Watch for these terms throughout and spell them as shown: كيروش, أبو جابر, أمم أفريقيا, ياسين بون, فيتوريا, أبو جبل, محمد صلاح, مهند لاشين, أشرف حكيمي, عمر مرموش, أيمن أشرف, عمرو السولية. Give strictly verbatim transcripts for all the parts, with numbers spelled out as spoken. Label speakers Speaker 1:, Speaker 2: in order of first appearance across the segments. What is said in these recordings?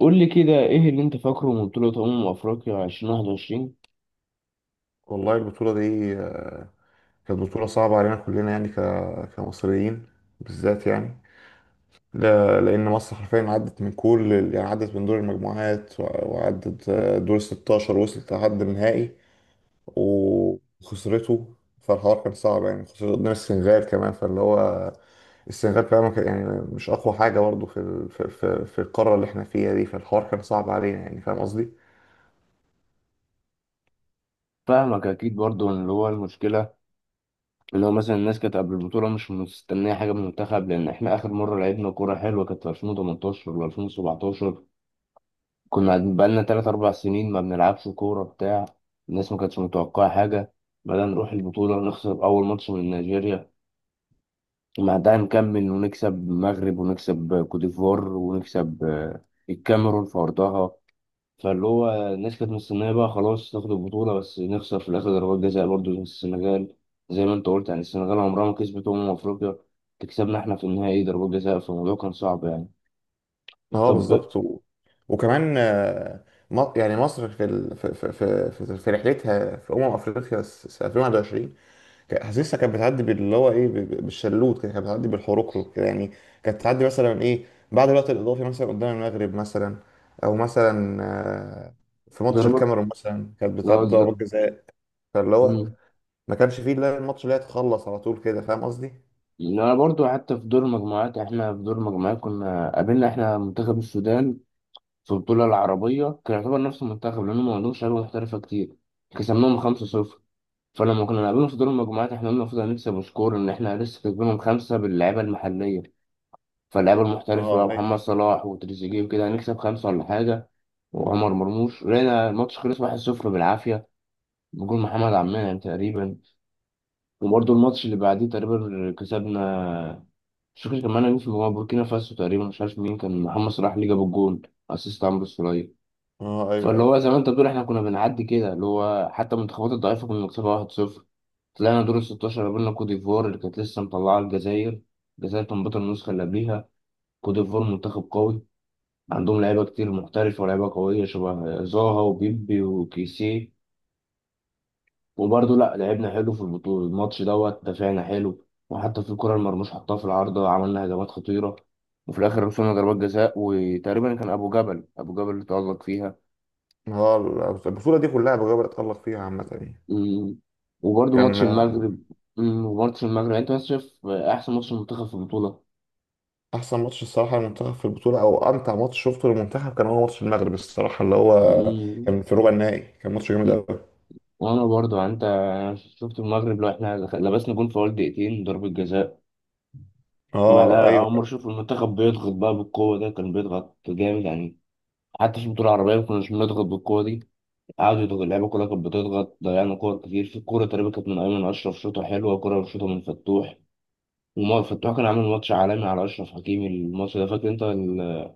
Speaker 1: قول لي كده ايه اللي انت فاكره من بطولة أمم أفريقيا ألفين وواحد وعشرين؟
Speaker 2: والله البطولة دي آه، كانت بطولة صعبة علينا كلنا يعني ك- كمصريين بالذات يعني لا- لأن مصر حرفيا عدت من كل يعني عدت من دور المجموعات و- وعدت آه، دور ستاشر، وصلت لحد النهائي وخسرته. فالحوار كان صعب يعني خسرت قدام السنغال كمان، فاللي هو السنغال كمان ما كان- يعني مش أقوى حاجة برضه في ال- في في في القارة اللي احنا فيها دي، فالحوار كان صعب علينا يعني. فاهم قصدي؟
Speaker 1: فاهمك أكيد برضو. إن اللي هو المشكلة اللي هو مثلا الناس كانت قبل البطولة مش مستنية حاجة من المنتخب، لأن إحنا آخر مرة لعبنا كورة حلوة كانت في ألفين وتمنتاشر ولا ألفين وسبعتاشر. كنا قاعدين بقالنا تلات أربع سنين ما بنلعبش كورة بتاع. الناس ما كانتش متوقعة حاجة. بدأنا نروح البطولة نخسر أول ماتش من نيجيريا، ومع ده نكمل ونكسب المغرب ونكسب كوت ديفوار ونكسب آه، الكاميرون في أرضها. فاللي هو الناس كانت مستنية بقى خلاص ناخد البطولة، بس نخسر في الآخر ضربات جزاء برضه زي السنغال. زي ما أنت قلت، يعني السنغال عمرها ما كسبت أمم أفريقيا، تكسبنا إحنا في النهائي ضربات جزاء. فالموضوع كان صعب يعني.
Speaker 2: اه
Speaker 1: طب
Speaker 2: بالظبط و... وكمان آه، م- يعني مصر في ال... في في في, في في رحلتها في امم افريقيا س- سنه ألفين وواحد وعشرين، كان- حاسسها كانت بتعدي باللي هو ايه ب- ب- بالشلوت كده، كانت بتعدي بالحروكرو كده يعني. كانت بتعدي مثلا ايه بعد الوقت الاضافي مثلا قدام المغرب مثلا، او مثلا آه، في ماتش
Speaker 1: ضربات،
Speaker 2: الكاميرون مثلا كانت
Speaker 1: لا،
Speaker 2: بتعدي
Speaker 1: ض-
Speaker 2: ضربات جزاء، فاللي هو
Speaker 1: مم.
Speaker 2: ما كانش فيه الا الماتش اللي هي تخلص على طول كده. فاهم قصدي؟
Speaker 1: أنا برضه حتى في دور المجموعات، إحنا في دور المجموعات كنا قابلنا إحنا منتخب السودان في البطولة العربية، كان يعتبر نفس المنتخب لأنهم ما عندهمش لعيبة محترفة كتير. كسبناهم خمسة صفر. فلما كنا نقابلهم في دور المجموعات، إحنا قلنا المفروض هنكسب وسكور، إن إحنا لسه كسبانهم خمسة باللعيبة المحلية، فاللعيبه المحترفه بقى
Speaker 2: اه ايوه.
Speaker 1: محمد صلاح وتريزيجيه وكده هنكسب خمسه ولا حاجه. وعمر مرموش لقينا الماتش خلص واحد صفر بالعافيه، بجول محمد عمان يعني تقريبا. وبرده الماتش اللي بعديه تقريبا كسبنا، مش فاكر كمان مين، في مجموعة بوركينا فاسو تقريبا، مش عارف مين كان. محمد صلاح اللي جاب الجول، اسيست عمرو السولية.
Speaker 2: اه ايوه
Speaker 1: فاللي
Speaker 2: ايوه.
Speaker 1: هو زي ما انت بتقول، احنا كنا بنعدي كده، اللي هو حتى المنتخبات الضعيفه كنا بنكسبها واحد صفر. طلعنا دور ال ستة عشر، قابلنا كوت ديفوار اللي كانت لسه مطلعه الجزائر. الجزائر كان بطل النسخه اللي قبليها. كوت ديفوار منتخب قوي، عندهم لعيبة كتير محترفة ولاعيبة قوية شبه زاها وبيبي وكيسيه. وبرضه لأ، لعبنا حلو في البطولة. الماتش دوت دافعنا حلو، وحتى في الكرة المرموش حطها في العارضة، عملنا هجمات خطيرة. وفي الآخر وصلنا ضربات جزاء، وتقريبا كان أبو جبل، أبو جبل اللي تألق فيها.
Speaker 2: هو البطوله دي كلها بجد بتألق فيها عامه يعني.
Speaker 1: أمم. وبرضه ماتش
Speaker 2: كان آه،
Speaker 1: المغرب. أمم، وماتش المغرب يعني أنت بس شايف أحسن ماتش منتخب في البطولة.
Speaker 2: احسن ماتش الصراحه للمنتخب في البطوله او امتع ماتش شفته للمنتخب كان هو ماتش المغرب الصراحه، اللي هو
Speaker 1: أمم.
Speaker 2: كان في ربع النهائي. كان ماتش جامد قوي.
Speaker 1: وأنا برضه يعني أنت شفت المغرب، لو إحنا لبسنا جون في أول دقيقتين ضربة جزاء. ما
Speaker 2: اه
Speaker 1: ده
Speaker 2: ايوه.
Speaker 1: أول مرة أشوف المنتخب بيضغط بقى بالقوة ده، كان بيضغط جامد يعني. حتى في البطولة العربية ما كناش بنضغط بالقوة دي. قعدوا يضغطوا، اللعيبة كلها كانت بتضغط، ضيعنا كور كتير. في كورة تقريبا كانت من أيمن أشرف شوطة حلوة، وكورة من شوطة من فتوح. وما فتوح كان عامل ماتش عالمي على أشرف حكيمي. الماتش ده فاكر أنت ال-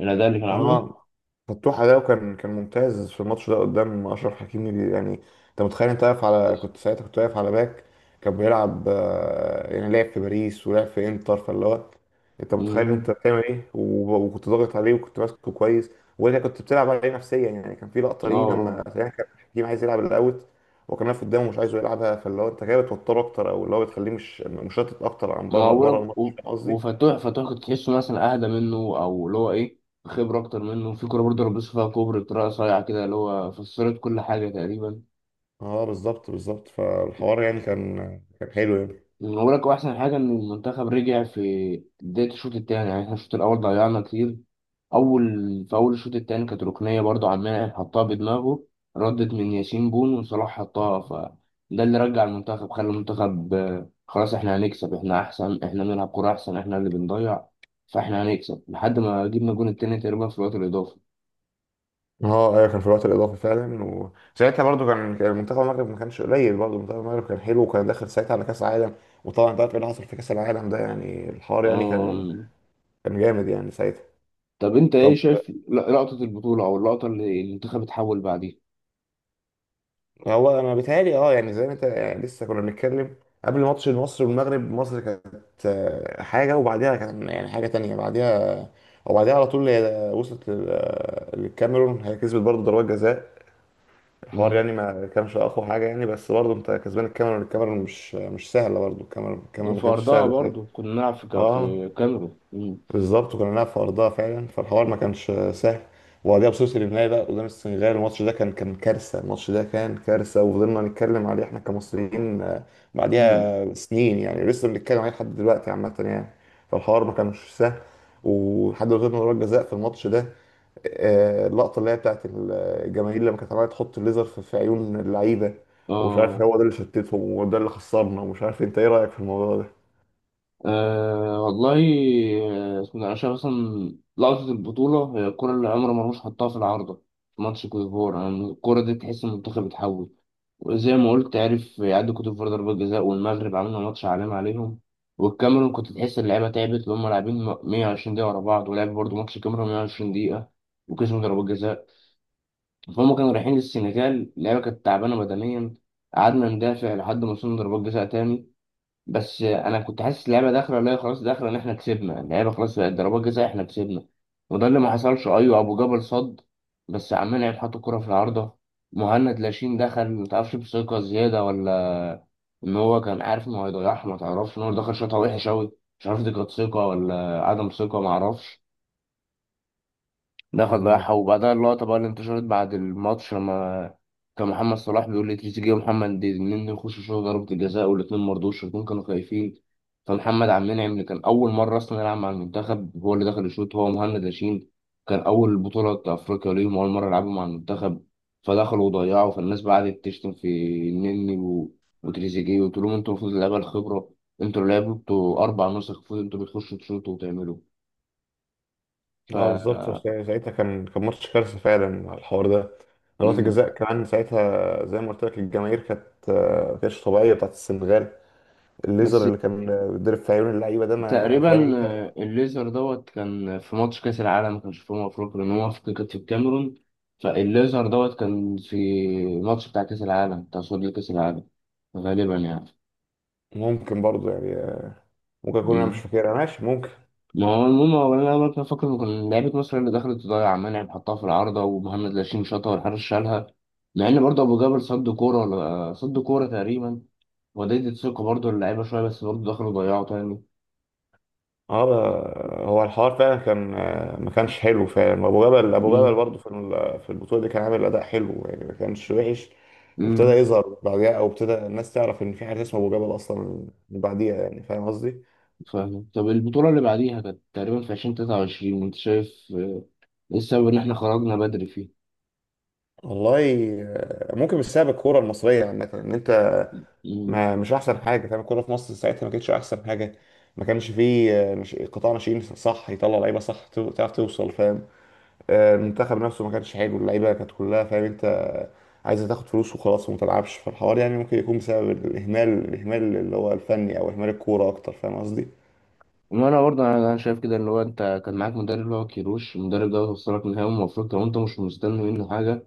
Speaker 1: الأداء اللي كان عامله؟
Speaker 2: اه فتوح ده كان كان ممتاز في الماتش ده قدام اشرف حكيمي يعني. انت متخيل؟ انت واقف على، كنت ساعتها كنت واقف على باك كان بيلعب آه، يعني لعب في باريس ولعب في انتر، فاللي هو انت متخيل انت
Speaker 1: أمم.
Speaker 2: بتعمل ايه؟ وب- وكنت ضاغط عليه وكنت ماسكه كويس. وانت كنت بتلعب عليه نفسيا يعني، كان في لقطه
Speaker 1: آه
Speaker 2: ليه لما
Speaker 1: آه.
Speaker 2: تقريباً كان حكيمي عايز يلعب الاوت وكان واقف قدامه ومش عايزه يلعبها، فاللي هو انت كده بتوتره اكتر او اللي هو بتخليه مش مشتت اكتر عن
Speaker 1: ما هو
Speaker 2: بره بره
Speaker 1: بقولك
Speaker 2: الماتش.
Speaker 1: و-
Speaker 2: فاهم قصدي؟
Speaker 1: وفتوح، فتوح كنت تحسه مثلا أهدى منه، أو اللي هو إيه، خبرة أكتر منه. في كورة برضه لبسه فيها كوبري بطريقة صايعة كده، اللي هو فسرت كل حاجة تقريبا.
Speaker 2: اه بالظبط بالظبط، فالحوار يعني كان كان حلو يعني.
Speaker 1: أنا بقول لك، هو احسن حاجه ان المنتخب رجع في بدايه الشوط الثاني. يعني احنا الشوط الاول ضيعنا كتير. اول في اول الشوط الثاني كانت ركنيه برضو، عمال يعني حطها بدماغه، ردت من ياسين بون وصلاح حطها. فده اللي رجع المنتخب، خلى المنتخب آه، خلاص احنا هنكسب، احنا احسن، احنا بنلعب كوره احسن، احنا اللي بنضيع. فاحنا هنكسب لحد ما جبنا الجون التاني تقريبا في الوقت الاضافي.
Speaker 2: اه ايوه، كان في الوقت الاضافي فعلا. وساعتها برضو كان كان منتخب المغرب ما كانش قليل، برضو منتخب المغرب كان حلو وكان داخل ساعتها على كاس العالم. وطبعا انت عارف ايه اللي حصل في كاس العالم ده يعني، الحوار يعني كان
Speaker 1: آم،
Speaker 2: كان جامد يعني ساعتها.
Speaker 1: طب انت ايه
Speaker 2: طب
Speaker 1: شايف لقطه البطوله او اللقطه اللي المنتخب اتحول بعديها؟
Speaker 2: هو انا بيتهيألي اه يعني زي ما انت يعني لسه كنا بنتكلم، قبل ماتش مصر والمغرب مصر كانت آه، حاجه وبعديها كان يعني حاجه تانية بعديها. وبعديها على طول هي وصلت لل- آه، للكاميرون، هي كسبت برضو ضربات جزاء. الحوار يعني ما كانش اقوى حاجه يعني، بس برضه انت كسبان الكاميرا والكاميرا مش مش سهله، برضه الكاميرا الكاميرا ما
Speaker 1: وفي
Speaker 2: كانتش
Speaker 1: أرضها
Speaker 2: سهله.
Speaker 1: برضو كنا نلعب في كا-
Speaker 2: اه
Speaker 1: في كاميرون. مم.
Speaker 2: بالظبط، وكنا بنلعب في ارضها فعلا، فالحوار ما كانش سهل. وبعديها بصوص النهائي بقى قدام السنغال، الماتش ده كان كان كارثه، الماتش ده كان كارثه. وفضلنا نتكلم عليه احنا كمصريين آه،
Speaker 1: مم.
Speaker 2: بعديها سنين يعني، لسه بنتكلم عليه لحد دلوقتي عامه يعني. فالحوار ما كانش سهل، ولحد ما غيرنا ضربات جزاء في الماتش ده. آه، اللقطه اللي هي بتاعت الجماهير لما كانت عماله تحط الليزر في في عيون اللعيبه، ومش عارف
Speaker 1: آه.
Speaker 2: هو ده اللي شتتهم وده اللي خسرنا، ومش عارف انت ايه رايك في الموضوع
Speaker 1: آه والله. آه، اسمه ده، أنا شايف أصلا لقطة البطولة هي الكرة اللي عمر مرموش حطها في العارضة في ماتش كوت ديفوار. يعني الكرة دي تحس إن المنتخب اتحول، وزي ما قلت عرف يعدي كوت ديفوار ضربة جزاء، والمغرب عملنا ماتش عالمي عليهم. والكاميرون كنت تحس اللعيبة تعبت، اللي هم لاعبين مية وعشرين دقيقة ورا بعض، ولعب برضو ماتش الكاميرون مية وعشرين دقيقة وكسبوا ضربات جزاء. فهم كانوا رايحين للسنغال، اللعبة كانت تعبانة بدنيا. قعدنا ندافع لحد ما وصلنا ضربات جزاء تاني. بس أنا كنت حاسس اللعبة داخلة، لا خلاص داخلة، إن إحنا كسبنا اللعبة، خلاص بقت ضربات جزاء، إحنا كسبنا. وده اللي ما حصلش. أيوة أبو جبل صد، بس عمال يلعب حط الكرة في العارضة. مهند لاشين دخل متعرفش بثقة زيادة، ولا إن هو كان عارف إنه هيضيعها متعرفش، إن هو دخل شوطة وحشة أوي. مش عارف دي كانت ثقة ولا عدم ثقة، معرفش. دخل
Speaker 2: ده.
Speaker 1: راح. وبعدها اللقطة بقى اللي انتشرت بعد الماتش، لما كان محمد صلاح بيقول لتريزيجيه ومحمد دي الاتنين يخشوا يشوطوا ضربة الجزاء، والاتنين مرضوش، الاتنين كانوا خايفين. فمحمد عبد المنعم اللي كان أول مرة أصلا يلعب مع المنتخب، هو اللي دخل يشوط هو ومهند لاشين. كان أول بطولة أفريقيا ليهم، أول مرة يلعبوا مع المنتخب. فدخلوا وضيعوا. فالناس بقى قعدت تشتم في النني و- وتريزيجيه، وتقول لهم انتوا المفروض اللعيبة الخبرة، انتوا اللي لعبتوا أربع نسخ، المفروض انتوا بتخشوا تشوطوا وتعملوا. ف
Speaker 2: اه بالظبط، سا- ساعتها كان كان ماتش كارثه فعلا على الحوار ده. ضربات
Speaker 1: مم.
Speaker 2: الجزاء كمان ساعتها زي ما قلت لك، الجماهير كانت آه، ما كانتش طبيعيه بتاعت السنغال.
Speaker 1: بس
Speaker 2: الليزر اللي كان بيتضرب في عيون اللعيبه ده، ما فاهم
Speaker 1: تقريبا
Speaker 2: انت؟
Speaker 1: آه، الليزر دوت كان في ماتش كأس العالم، كان في أمم أفريقيا لأن هو في- كانت في الكاميرون. فالليزر دوت كان في ماتش بتاع كأس العالم، بتاع صعود لكأس العالم غالبا يعني.
Speaker 2: ممكن برضه يعني، آه، ممكن اكون انا مش
Speaker 1: مم.
Speaker 2: فاكرها، ماشي ممكن.
Speaker 1: ما هو المهم، هو أنا لما كنت فاكر إن كان لعيبة مصر اللي دخلت تضيع، منعم حطها في العارضة، ومهند لاشين شاطها والحارس شالها. مع إن برضه أبو جابر صد كورة ولا صد كورة تقريبا، وديت ثقة برضه اللعيبة شوية، بس برضه دخلوا ضيعوا تاني.
Speaker 2: اه آه، هو الحوار فعلا كان آه، ما كانش حلو فعلا. ابو جبل ابو جبل
Speaker 1: مم.
Speaker 2: برضه في ال- في البطوله دي كان عامل اداء حلو يعني، ما كانش وحش. وابتدى
Speaker 1: مم.
Speaker 2: يظهر بعديها او ابتدى الناس تعرف ان في حاجه اسمها ابو جبل اصلا من بعديها يعني. فاهم قصدي؟
Speaker 1: فاهم. طب البطولة اللي بعديها كانت تقريبا في عشرين تلاتة وعشرين، أنت شايف آه، إيه السبب إن إحنا خرجنا بدري فيه؟
Speaker 2: والله آه، ممكن مش سبب الكوره المصريه عامه ان انت
Speaker 1: مم.
Speaker 2: ما مش احسن حاجه. فاهم؟ الكوره في مصر ساعتها ما كانتش احسن حاجه. ما كانش فيه آه، مش قطاع ناشئين صح يطلع لعيبه صح تو- تعرف توصل. فاهم؟ آه، المنتخب نفسه ما كانش حلو، اللعيبه كانت كلها، فاهم انت، عايزه تاخد فلوس وخلاص وما تلعبش. فالحوار يعني ممكن يكون بسبب الاهمال، الاهمال اللي هو الفني او اهمال الكوره اكتر. فاهم قصدي؟
Speaker 1: وأنا برضه، أنا أنا شايف كده إن هو أنت كان معاك مدرب اللي هو كيروش. المدرب ده وصلك نهائي، المفروض لو أنت مش مستني منه حاجة،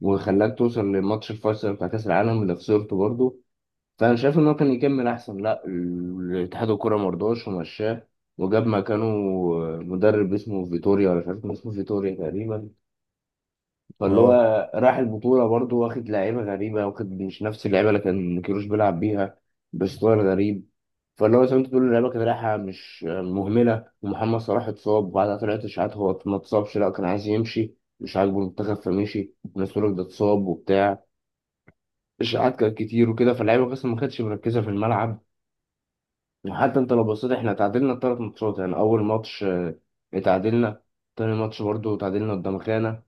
Speaker 1: وخلاك توصل لماتش الفيصل بتاع كأس العالم اللي خسرته برضه. فأنا شايف إن هو كان يكمل أحسن، لأ ال- الاتحاد الكورة مرضاش ومشاه، وجاب مكانه آه، مدرب اسمه فيتوريا، ولا مش عارف كان اسمه فيتوريا تقريبا. فاللي هو
Speaker 2: اه.
Speaker 1: راح البطولة برضه واخد لعيبة غريبة، واخد مش نفس اللعيبة اللي كان كيروش بيلعب بيها، بستايل غريب. فاللي هو زي ما انت بتقول، اللعيبة كانت رايحة مش مهملة، ومحمد صلاح اتصاب، وبعدها طلعت اشاعات هو ما اتصابش، لا كان عايز يمشي، مش عاجبه المنتخب فمشي. وناس تقول لك ده اتصاب وبتاع. اشاعات كانت كتير وكده، فاللعيبة اصلا ما كانتش مركزة في الملعب. وحتى انت لو بصيت، احنا تعادلنا ثلاث ماتشات. يعني اول ماتش اه، اتعادلنا، تاني ماتش برضه تعادلنا قدام خانة،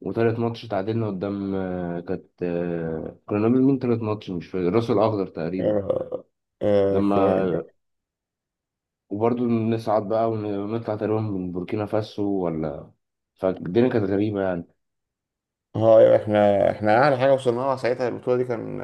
Speaker 1: وتالت ماتش تعادلنا قدام آه، كانت آه، كنا بنقابل مين تالت ماتش؟ مش فاكر، الراس الأخضر تقريبا.
Speaker 2: اه. آه،
Speaker 1: لما وبرضه نصعد بقى ونطلع تقريبا من بوركينا فاسو ولا. فالدنيا كانت غريبة يعني.
Speaker 2: آه، احنا احنا اعلى حاجه وصلنا لها ساعتها البطوله دي، كان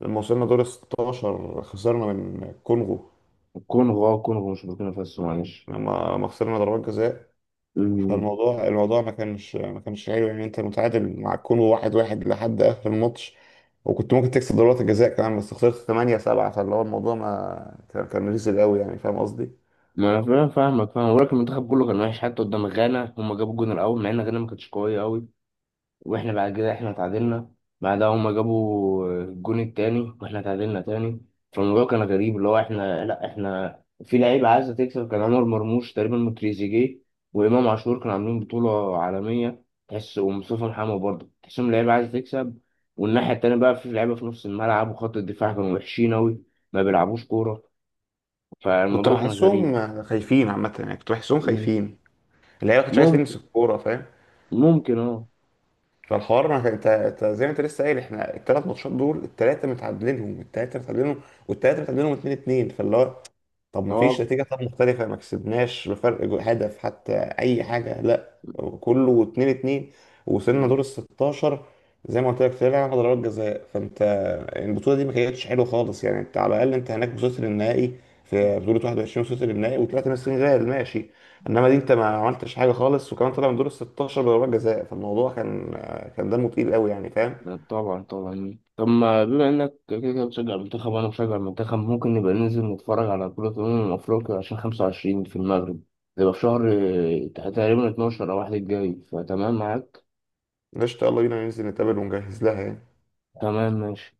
Speaker 2: لما وصلنا دور ستاشر خسرنا من الكونغو.
Speaker 1: الكونغو، اه الكونغو مش بوركينا فاسو، معلش.
Speaker 2: لما لما خسرنا ضربات جزاء،
Speaker 1: أمم،
Speaker 2: فالموضوع الموضوع ما كانش ما كانش حلو يعني. انت متعادل مع الكونغو واحد واحد لحد اخر الماتش، وكنت ممكن تكسب ضربات الجزاء كمان، بس خسرت ثمانية سبعة. فاللي هو الموضوع ما كان كان ريزل قوي يعني. فاهم قصدي؟
Speaker 1: ما أنا فاهم- فاهمك فاهم، ولكن المنتخب كله كان وحش حتى قدام غانا. هما جابوا الجون الأول مع إن غانا ما كانتش قوية أوي، واحنا بعد كده احنا اتعادلنا. بعدها هما جابوا الجون التاني واحنا اتعادلنا تاني. فالموضوع كان غريب، اللي هو احنا لا احنا في لعيبة عايزة تكسب، كان عمر مرموش تقريبا وتريزيجيه وإمام عاشور كانوا عاملين بطولة عالمية تحس، ومصطفى محمد برضه تحسهم لعيبة عايزة تكسب. والناحية التانية بقى في لعيبة في نص الملعب وخط الدفاع كانوا وحشين أوي، ما بيلعبوش كورة.
Speaker 2: كنت
Speaker 1: فالموضوع كان
Speaker 2: بحسهم
Speaker 1: غريب.
Speaker 2: خايفين عامة يعني، كنت بحسهم
Speaker 1: مم.
Speaker 2: خايفين. اللعيبة ما كانتش عايز تلمس
Speaker 1: ممكن،
Speaker 2: الكورة. فاهم؟
Speaker 1: ممكن اه.
Speaker 2: فالحوار ما كان، انت انت زي ما انت لسه قايل، احنا الثلاث ماتشات دول الثلاثة متعادلينهم، الثلاثة متعادلينهم، والثلاثة متعادلينهم اتنين اتنين. فاللي هو طب ما فيش نتيجة طب مختلفة؟ ما كسبناش بفرق جو- هدف حتى، أي حاجة، لا، كله اتنين اتنين. ووصلنا
Speaker 1: اه،
Speaker 2: دور الستاشر، زي ما قلت لك طلعنا ضربات جزاء. فأنت البطولة دي ما كانتش حلوة خالص يعني. أنت على الأقل أنت هناك وصلت للنهائي، في بطولة واحد وعشرين وصلت للنهائي وطلعت من السنغال، ماشي. إنما دي أنت ما عملتش حاجة خالص، وكمان طلع من دور الستاشر بضربات جزاء. فالموضوع كان كان دمه تقيل قوي يعني. فاهم؟
Speaker 1: لا طبعا طبعا. طب ما بما انك كده كده بتشجع المنتخب وانا بشجع المنتخب، ممكن نبقى ننزل نتفرج على بطولة أمم أفريقيا عشان خمسة وعشرين في المغرب. تبقى في شهر آه، تقريبا اتناشر أو واحد الجاي. فتمام معاك؟
Speaker 2: قشطة، يلا بينا ننزل نتقابل ونجهز لها يعني.
Speaker 1: تمام ماشي.